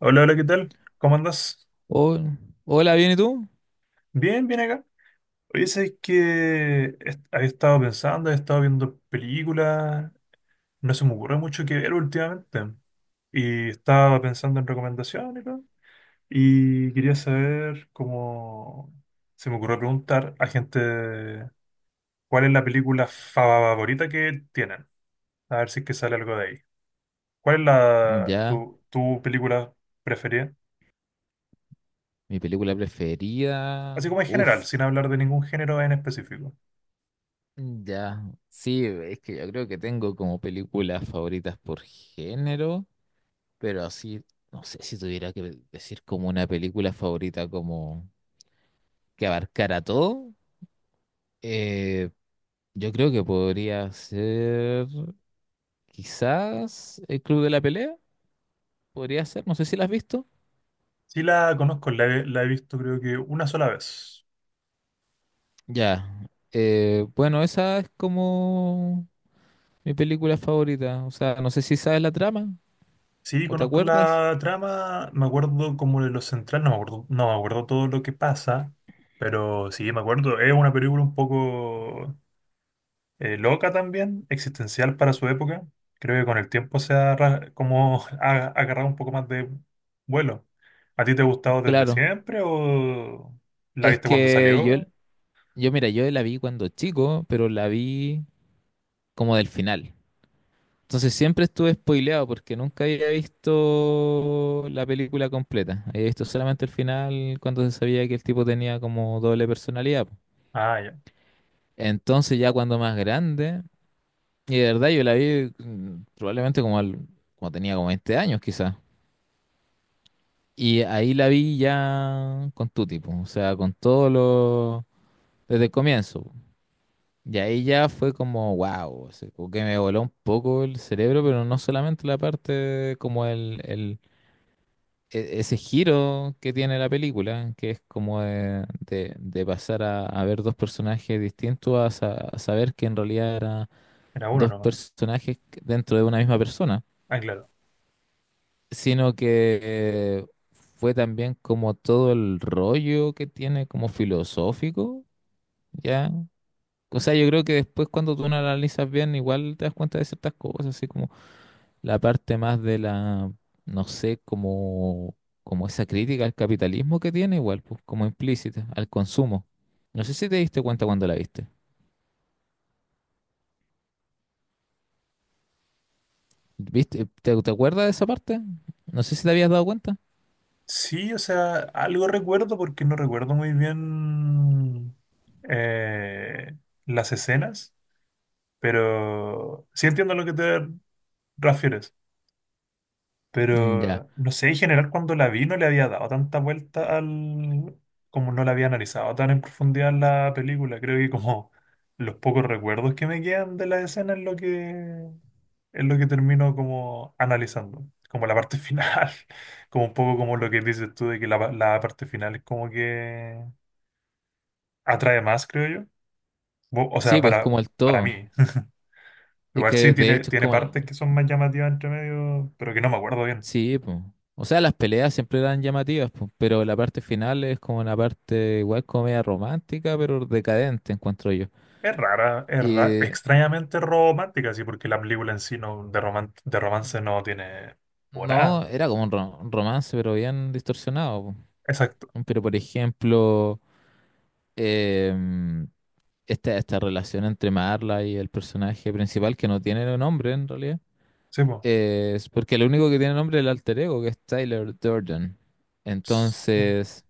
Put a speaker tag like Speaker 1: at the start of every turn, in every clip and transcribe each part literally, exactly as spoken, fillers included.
Speaker 1: Hola, hola, ¿qué tal? ¿Cómo andas?
Speaker 2: Oh, hola. ¿Bien y tú?
Speaker 1: Bien, bien acá. Oye, sabes que est- había estado pensando, he estado viendo películas, no se me ocurre mucho que ver últimamente. Y estaba pensando en recomendaciones, ¿no? Y quería saber cómo se me ocurrió preguntar a gente cuál es la película favorita que tienen. A ver si es que sale algo de ahí. ¿Cuál es la
Speaker 2: Ya,
Speaker 1: tu, tu película preferida?
Speaker 2: mi película preferida.
Speaker 1: Así como en general, sin
Speaker 2: Uf,
Speaker 1: hablar de ningún género en específico.
Speaker 2: ya. Sí, es que yo creo que tengo como películas favoritas por género, pero así, no sé si tuviera que decir como una película favorita como que abarcara todo. eh, yo creo que podría ser quizás El Club de la Pelea, podría ser, no sé si la has visto.
Speaker 1: Sí la conozco, la he, la he visto creo que una sola vez.
Speaker 2: Ya. Eh, bueno, esa es como mi película favorita, o sea, no sé si sabes la trama
Speaker 1: Sí,
Speaker 2: o te
Speaker 1: conozco
Speaker 2: acuerdas.
Speaker 1: la trama, me acuerdo como de lo central, no me acuerdo, no me acuerdo todo lo que pasa, pero sí, me acuerdo, es una película un poco eh, loca también, existencial para su época. Creo que con el tiempo se ha ra- como ha agarrado un poco más de vuelo. ¿A ti te ha gustado desde
Speaker 2: Claro,
Speaker 1: siempre o la
Speaker 2: es
Speaker 1: viste cuando
Speaker 2: que yo,
Speaker 1: salió?
Speaker 2: yo mira, yo la vi cuando chico, pero la vi como del final. Entonces siempre estuve spoileado porque nunca había visto la película completa. Había visto solamente el final cuando se sabía que el tipo tenía como doble personalidad, po.
Speaker 1: Ah, ya,
Speaker 2: Entonces ya cuando más grande, y de verdad yo la vi mm, probablemente como, al- como tenía como veinte años quizás. Y ahí la vi ya con Tuti, po, o sea, con todo lo... desde el comienzo, po. Y ahí ya fue como, wow, o sea, como que me voló un poco el cerebro, pero no solamente la parte de como el, el- e- ese giro que tiene la película, que es como de, de- de pasar a, a ver dos personajes distintos, a, sa- a saber que en realidad eran
Speaker 1: era uno
Speaker 2: dos
Speaker 1: nomás.
Speaker 2: personajes dentro de una misma persona,
Speaker 1: Ah, claro.
Speaker 2: sino que eh, fue también como todo el rollo que tiene como filosófico, ¿ya? O sea, yo creo que después cuando tú lo analizas bien, igual te das cuenta de ciertas cosas, así como la parte más de la, no sé, como, como esa crítica al capitalismo que tiene, igual, pues como implícita, al consumo. No sé si te diste cuenta cuando la viste. ¿Viste? ¿Te, te acuerdas de esa parte? No sé si te habías dado cuenta.
Speaker 1: Sí, o sea, algo recuerdo porque no recuerdo muy bien eh, las escenas, pero sí entiendo a lo que te refieres.
Speaker 2: Mm, ya.
Speaker 1: Pero no sé, en general cuando la vi no le había dado tanta vuelta al... como no la había analizado tan en profundidad la película. Creo que como los pocos recuerdos que me quedan de la escena es lo que es lo que termino como analizando. Como la parte final. Como un poco como lo que dices tú de que la, pa- la parte final es como que atrae más, creo yo. Bo- O
Speaker 2: Sí,
Speaker 1: sea,
Speaker 2: pues
Speaker 1: para,
Speaker 2: como el
Speaker 1: para
Speaker 2: todo.
Speaker 1: mí.
Speaker 2: Es
Speaker 1: Igual sí
Speaker 2: que de
Speaker 1: tiene,
Speaker 2: hecho es
Speaker 1: tiene
Speaker 2: como
Speaker 1: partes
Speaker 2: el,
Speaker 1: que son más llamativas entre medio, pero que no me acuerdo bien.
Speaker 2: sí, pues. O sea, las peleas siempre eran llamativas, pues, pero la parte final es como una parte igual comedia romántica, pero decadente, encuentro yo.
Speaker 1: Es rara, es ra-
Speaker 2: Y
Speaker 1: extrañamente romántica, sí, porque la película en sí no, de, roman- de romance
Speaker 2: mm,
Speaker 1: no tiene o
Speaker 2: no,
Speaker 1: nada.
Speaker 2: era como un ro- un romance, pero bien distorsionado,
Speaker 1: Exacto,
Speaker 2: po. Pero por ejemplo, em, esta, esta relación entre Marla y el personaje principal, que no tiene nombre en realidad,
Speaker 1: sí, po.
Speaker 2: es porque el único que tiene nombre es el alter ego, que es Tyler Durden.
Speaker 1: Ts- ya.
Speaker 2: Entonces...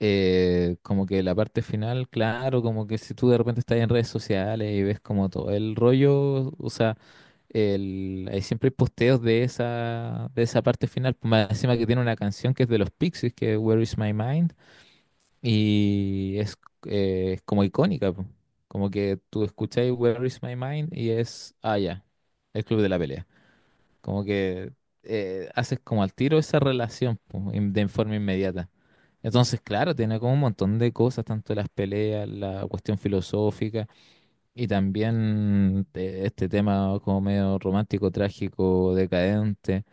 Speaker 2: eh, como que la parte final, claro, como que si tú de repente estás en redes sociales y ves como todo el rollo, o sea, el, hay siempre posteos de esa, de esa parte final, pues más encima que tiene una canción que es de los Pixies, que es Where Is My Mind, y es, eh, es como icónica, po. Como que tú escucháis Where Is My Mind y es, ah, ya, el club de la pelea. Como que eh, haces como al tiro esa relación, po, in- de forma inmediata. Entonces, claro, tiene como un montón de cosas, tanto las peleas, la cuestión filosófica. Y también eh, este tema como medio romántico, trágico, decadente,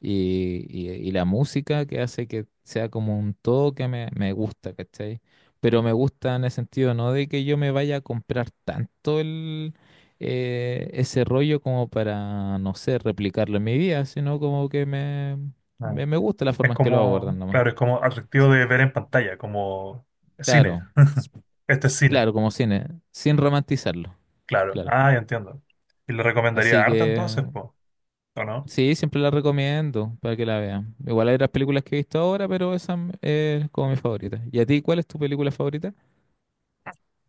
Speaker 2: y, y- y la música que hace que sea como un todo que me, me gusta, ¿cachai? Pero me gusta en el sentido no de que yo me vaya a comprar tanto el, eh, ese rollo como para, no sé, replicarlo en mi vida, sino como que me,
Speaker 1: Ah.
Speaker 2: me, me gusta la
Speaker 1: Es
Speaker 2: forma en que lo abordan
Speaker 1: como,
Speaker 2: nomás.
Speaker 1: claro, es como atractivo de ver en pantalla, como cine.
Speaker 2: Claro, s-
Speaker 1: Este es
Speaker 2: s-
Speaker 1: cine,
Speaker 2: claro, como cine, sin romantizarlo,
Speaker 1: claro.
Speaker 2: claro.
Speaker 1: Ah, ya entiendo. ¿Y le recomendaría
Speaker 2: Así
Speaker 1: harta
Speaker 2: que
Speaker 1: entonces, po? ¿O no?
Speaker 2: sí, siempre la recomiendo para que la vean. Igual hay otras películas que he visto ahora, pero esa m- es como mi favorita. ¿Y a ti cuál es tu película favorita?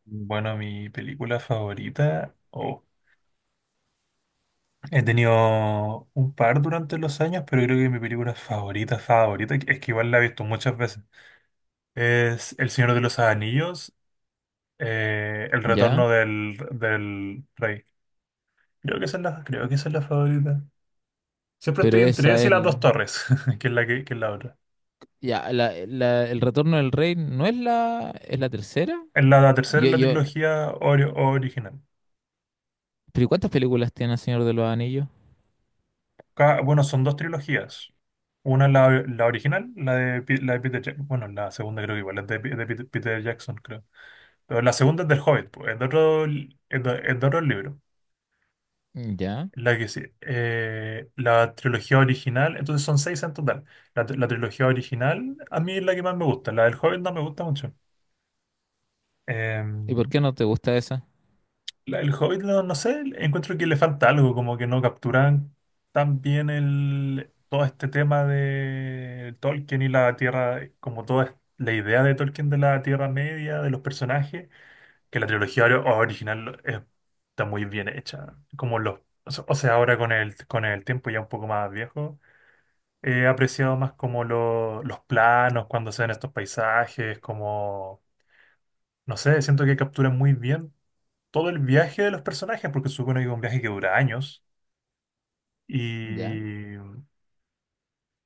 Speaker 1: Bueno, mi película favorita. oh, He tenido un par durante los años, pero creo que mi película favorita, favorita, es que igual la he visto muchas veces. Es El Señor de los Anillos, eh, El
Speaker 2: Ya,
Speaker 1: Retorno del, del Rey. Creo que esa es la, creo que esa es la favorita. Siempre
Speaker 2: pero
Speaker 1: estoy entre
Speaker 2: esa
Speaker 1: esa
Speaker 2: es
Speaker 1: y Las Dos
Speaker 2: el...
Speaker 1: Torres, que es la, que, que es la otra.
Speaker 2: Ya, la, la- El Retorno del Rey no es la... ¿Es la tercera?
Speaker 1: En la, la tercera
Speaker 2: Yo,
Speaker 1: es la
Speaker 2: yo...
Speaker 1: trilogía ori- original.
Speaker 2: ¿Pero ¿y cuántas películas tiene El Señor de los Anillos?
Speaker 1: Ca- bueno, son dos trilogías. Una es la, la original, la de, Pi- la de Peter Jackson. Bueno, la segunda creo que igual es de, Pi- de Peter, Peter Jackson, creo. Pero la segunda es del Hobbit, pues, es de otro, li- es de, es de otro libro.
Speaker 2: Ya.
Speaker 1: La que sí, eh, la trilogía original, entonces son seis en total. La, la trilogía original a mí es la que más me gusta, la del Hobbit no me gusta mucho. Eh,
Speaker 2: ¿Y por qué no te gusta esa?
Speaker 1: la del Hobbit, no, no sé, encuentro que le falta algo, como que no capturan tan bien el, todo este tema de Tolkien y la Tierra, como toda es- la idea de Tolkien de la Tierra Media, de los personajes, que la trilogía ori- original es- está muy bien hecha. Como los, o sea, o sea, ahora con el, con el tiempo ya un poco más viejo. He apreciado más como lo- los planos cuando se ven estos paisajes, como, no sé, siento que capturan muy bien todo el viaje de los personajes, porque supone que es un viaje que dura años
Speaker 2: Ya.
Speaker 1: y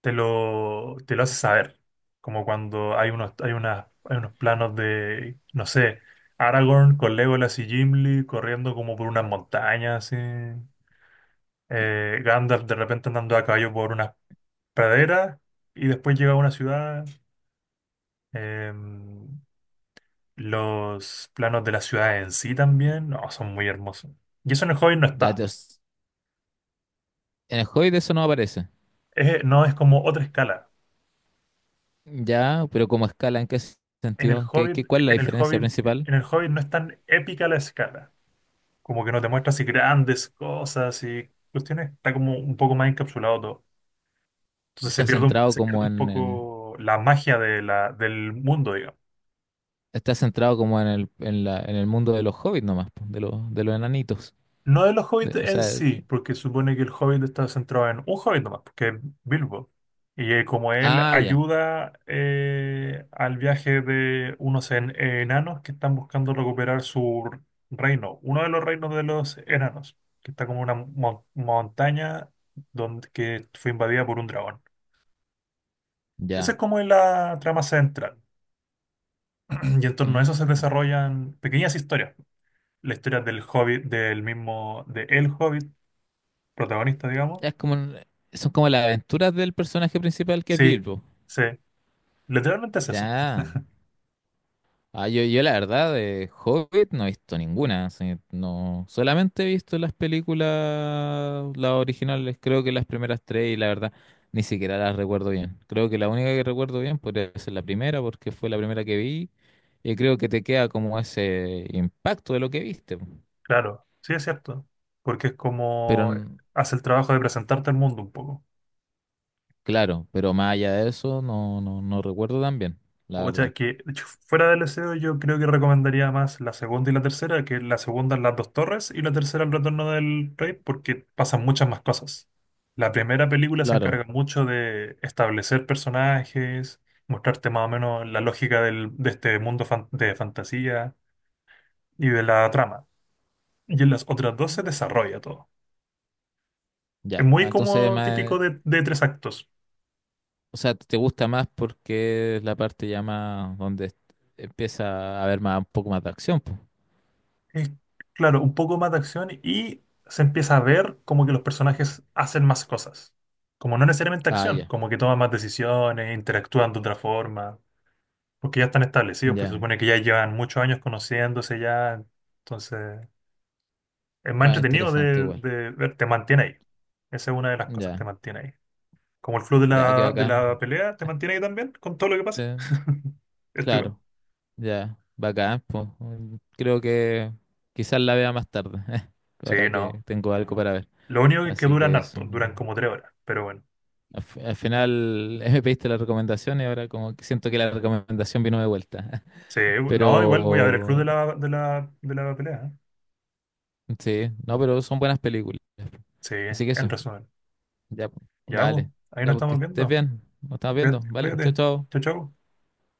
Speaker 1: te lo, te lo hace saber, como cuando hay unos, hay unas, hay unos planos de, no sé, Aragorn con Legolas y Gimli corriendo como por unas montañas, así. Eh, Gandalf de repente andando a caballo por unas praderas y después llega a una ciudad. em, Los planos de la ciudad en sí también, no, son muy hermosos. Y eso en el Hobbit no
Speaker 2: Ya,
Speaker 1: está.
Speaker 2: te os- en el Hobbit eso no aparece.
Speaker 1: Es- no es como otra escala.
Speaker 2: Ya, pero como escala, ¿en qué
Speaker 1: En el
Speaker 2: sentido? ¿Qué,
Speaker 1: Hobbit,
Speaker 2: qué, cuál es la
Speaker 1: en el
Speaker 2: diferencia
Speaker 1: Hobbit,
Speaker 2: principal?
Speaker 1: en el Hobbit no es tan épica la escala. Como que no te muestra así grandes cosas y cuestiones. Está como un poco más encapsulado todo. Entonces se
Speaker 2: ¿Está
Speaker 1: pierde un,
Speaker 2: centrado
Speaker 1: se pierde
Speaker 2: como
Speaker 1: un
Speaker 2: en, en-
Speaker 1: poco la magia de la, del mundo.
Speaker 2: Está centrado como en el, en la, en el mundo de los hobbits nomás, po, de los, de los enanitos.
Speaker 1: No de los hobbits
Speaker 2: De- o
Speaker 1: en
Speaker 2: sea,
Speaker 1: sí, porque supone que el hobbit está centrado en un hobbit nomás, porque es Bilbo. Y eh, como él
Speaker 2: ah, ya,
Speaker 1: ayuda eh, al viaje de unos en- enanos que están buscando recuperar su reino, uno de los reinos de los enanos, que está como una mon- montaña donde, que fue invadida por un dragón. Esa
Speaker 2: ya.
Speaker 1: es como la trama central. Y en torno a eso se
Speaker 2: Mm.
Speaker 1: desarrollan pequeñas historias. La historia del hobbit, del mismo, de El Hobbit, protagonista, digamos.
Speaker 2: Es como, un- son como las aventuras del personaje principal que es
Speaker 1: Sí,
Speaker 2: Bilbo.
Speaker 1: sí, literalmente es eso,
Speaker 2: Ya. Ah, yo, yo la verdad de Hobbit no he visto ninguna. Así, no, solamente he visto las películas, las originales, creo que las primeras tres y la verdad ni siquiera las recuerdo bien. Creo que la única que recuerdo bien podría ser la primera porque fue la primera que vi y creo que te queda como ese impacto de lo que viste.
Speaker 1: claro, sí es cierto, porque es
Speaker 2: Pero
Speaker 1: como
Speaker 2: n-
Speaker 1: hace el trabajo de presentarte al mundo un poco.
Speaker 2: claro, pero más allá de eso no, no, no recuerdo tan bien, la
Speaker 1: O sea,
Speaker 2: verdad.
Speaker 1: que de hecho, fuera del S E O yo creo que recomendaría más la segunda y la tercera, que la segunda es Las Dos Torres y la tercera El Retorno del Rey, porque pasan muchas más cosas. La primera película se
Speaker 2: Claro,
Speaker 1: encarga mucho de establecer personajes, mostrarte más o menos la lógica del- de este mundo fan- de fantasía y de la trama. Y en las otras dos se desarrolla todo. Es
Speaker 2: ya. Ah,
Speaker 1: muy
Speaker 2: entonces,
Speaker 1: como típico
Speaker 2: más,
Speaker 1: de, de tres actos.
Speaker 2: o sea, te gusta más porque es la parte ya más donde est- empieza a haber más, un poco más de acción, po.
Speaker 1: Es, claro, un poco más de acción y se empieza a ver como que los personajes hacen más cosas. Como no necesariamente
Speaker 2: Ah,
Speaker 1: acción,
Speaker 2: ya,
Speaker 1: como que toman más decisiones, interactúan de otra forma, porque ya están establecidos, pues se
Speaker 2: ya.
Speaker 1: supone que ya llevan muchos años conociéndose ya. Entonces, es más
Speaker 2: Más
Speaker 1: entretenido
Speaker 2: interesante
Speaker 1: de,
Speaker 2: igual.
Speaker 1: de ver, te mantiene ahí. Esa es una de las cosas, te
Speaker 2: Ya,
Speaker 1: mantiene ahí. Como el flow de
Speaker 2: ya, qué
Speaker 1: la, de
Speaker 2: bacán.
Speaker 1: la pelea, te mantiene ahí también, con todo lo que pasa.
Speaker 2: Eh,
Speaker 1: Esto igual.
Speaker 2: claro, ya, bacán, pues. Creo que quizás la vea más tarde,
Speaker 1: Sí,
Speaker 2: ahora que
Speaker 1: no.
Speaker 2: tengo algo para ver.
Speaker 1: Lo único que es que
Speaker 2: Así
Speaker 1: duran
Speaker 2: que eso.
Speaker 1: harto, duran como tres horas, pero bueno.
Speaker 2: Al, fi- al final me pediste la recomendación y ahora como que siento que la recomendación vino de vuelta.
Speaker 1: Sí, no, igual voy a ver el club
Speaker 2: Pero
Speaker 1: de la, de la, de la pelea. ¿Eh?
Speaker 2: sí, no, pero son buenas películas.
Speaker 1: Sí,
Speaker 2: Así que
Speaker 1: en
Speaker 2: eso,
Speaker 1: resumen.
Speaker 2: ya, pues,
Speaker 1: Ya, pues,
Speaker 2: dale.
Speaker 1: ahí
Speaker 2: Ya
Speaker 1: nos
Speaker 2: pues que
Speaker 1: estamos
Speaker 2: estés
Speaker 1: viendo.
Speaker 2: bien. Nos estamos viendo.
Speaker 1: Cuídate,
Speaker 2: Vale, chao,
Speaker 1: cuídate.
Speaker 2: chao.
Speaker 1: Chau, chau.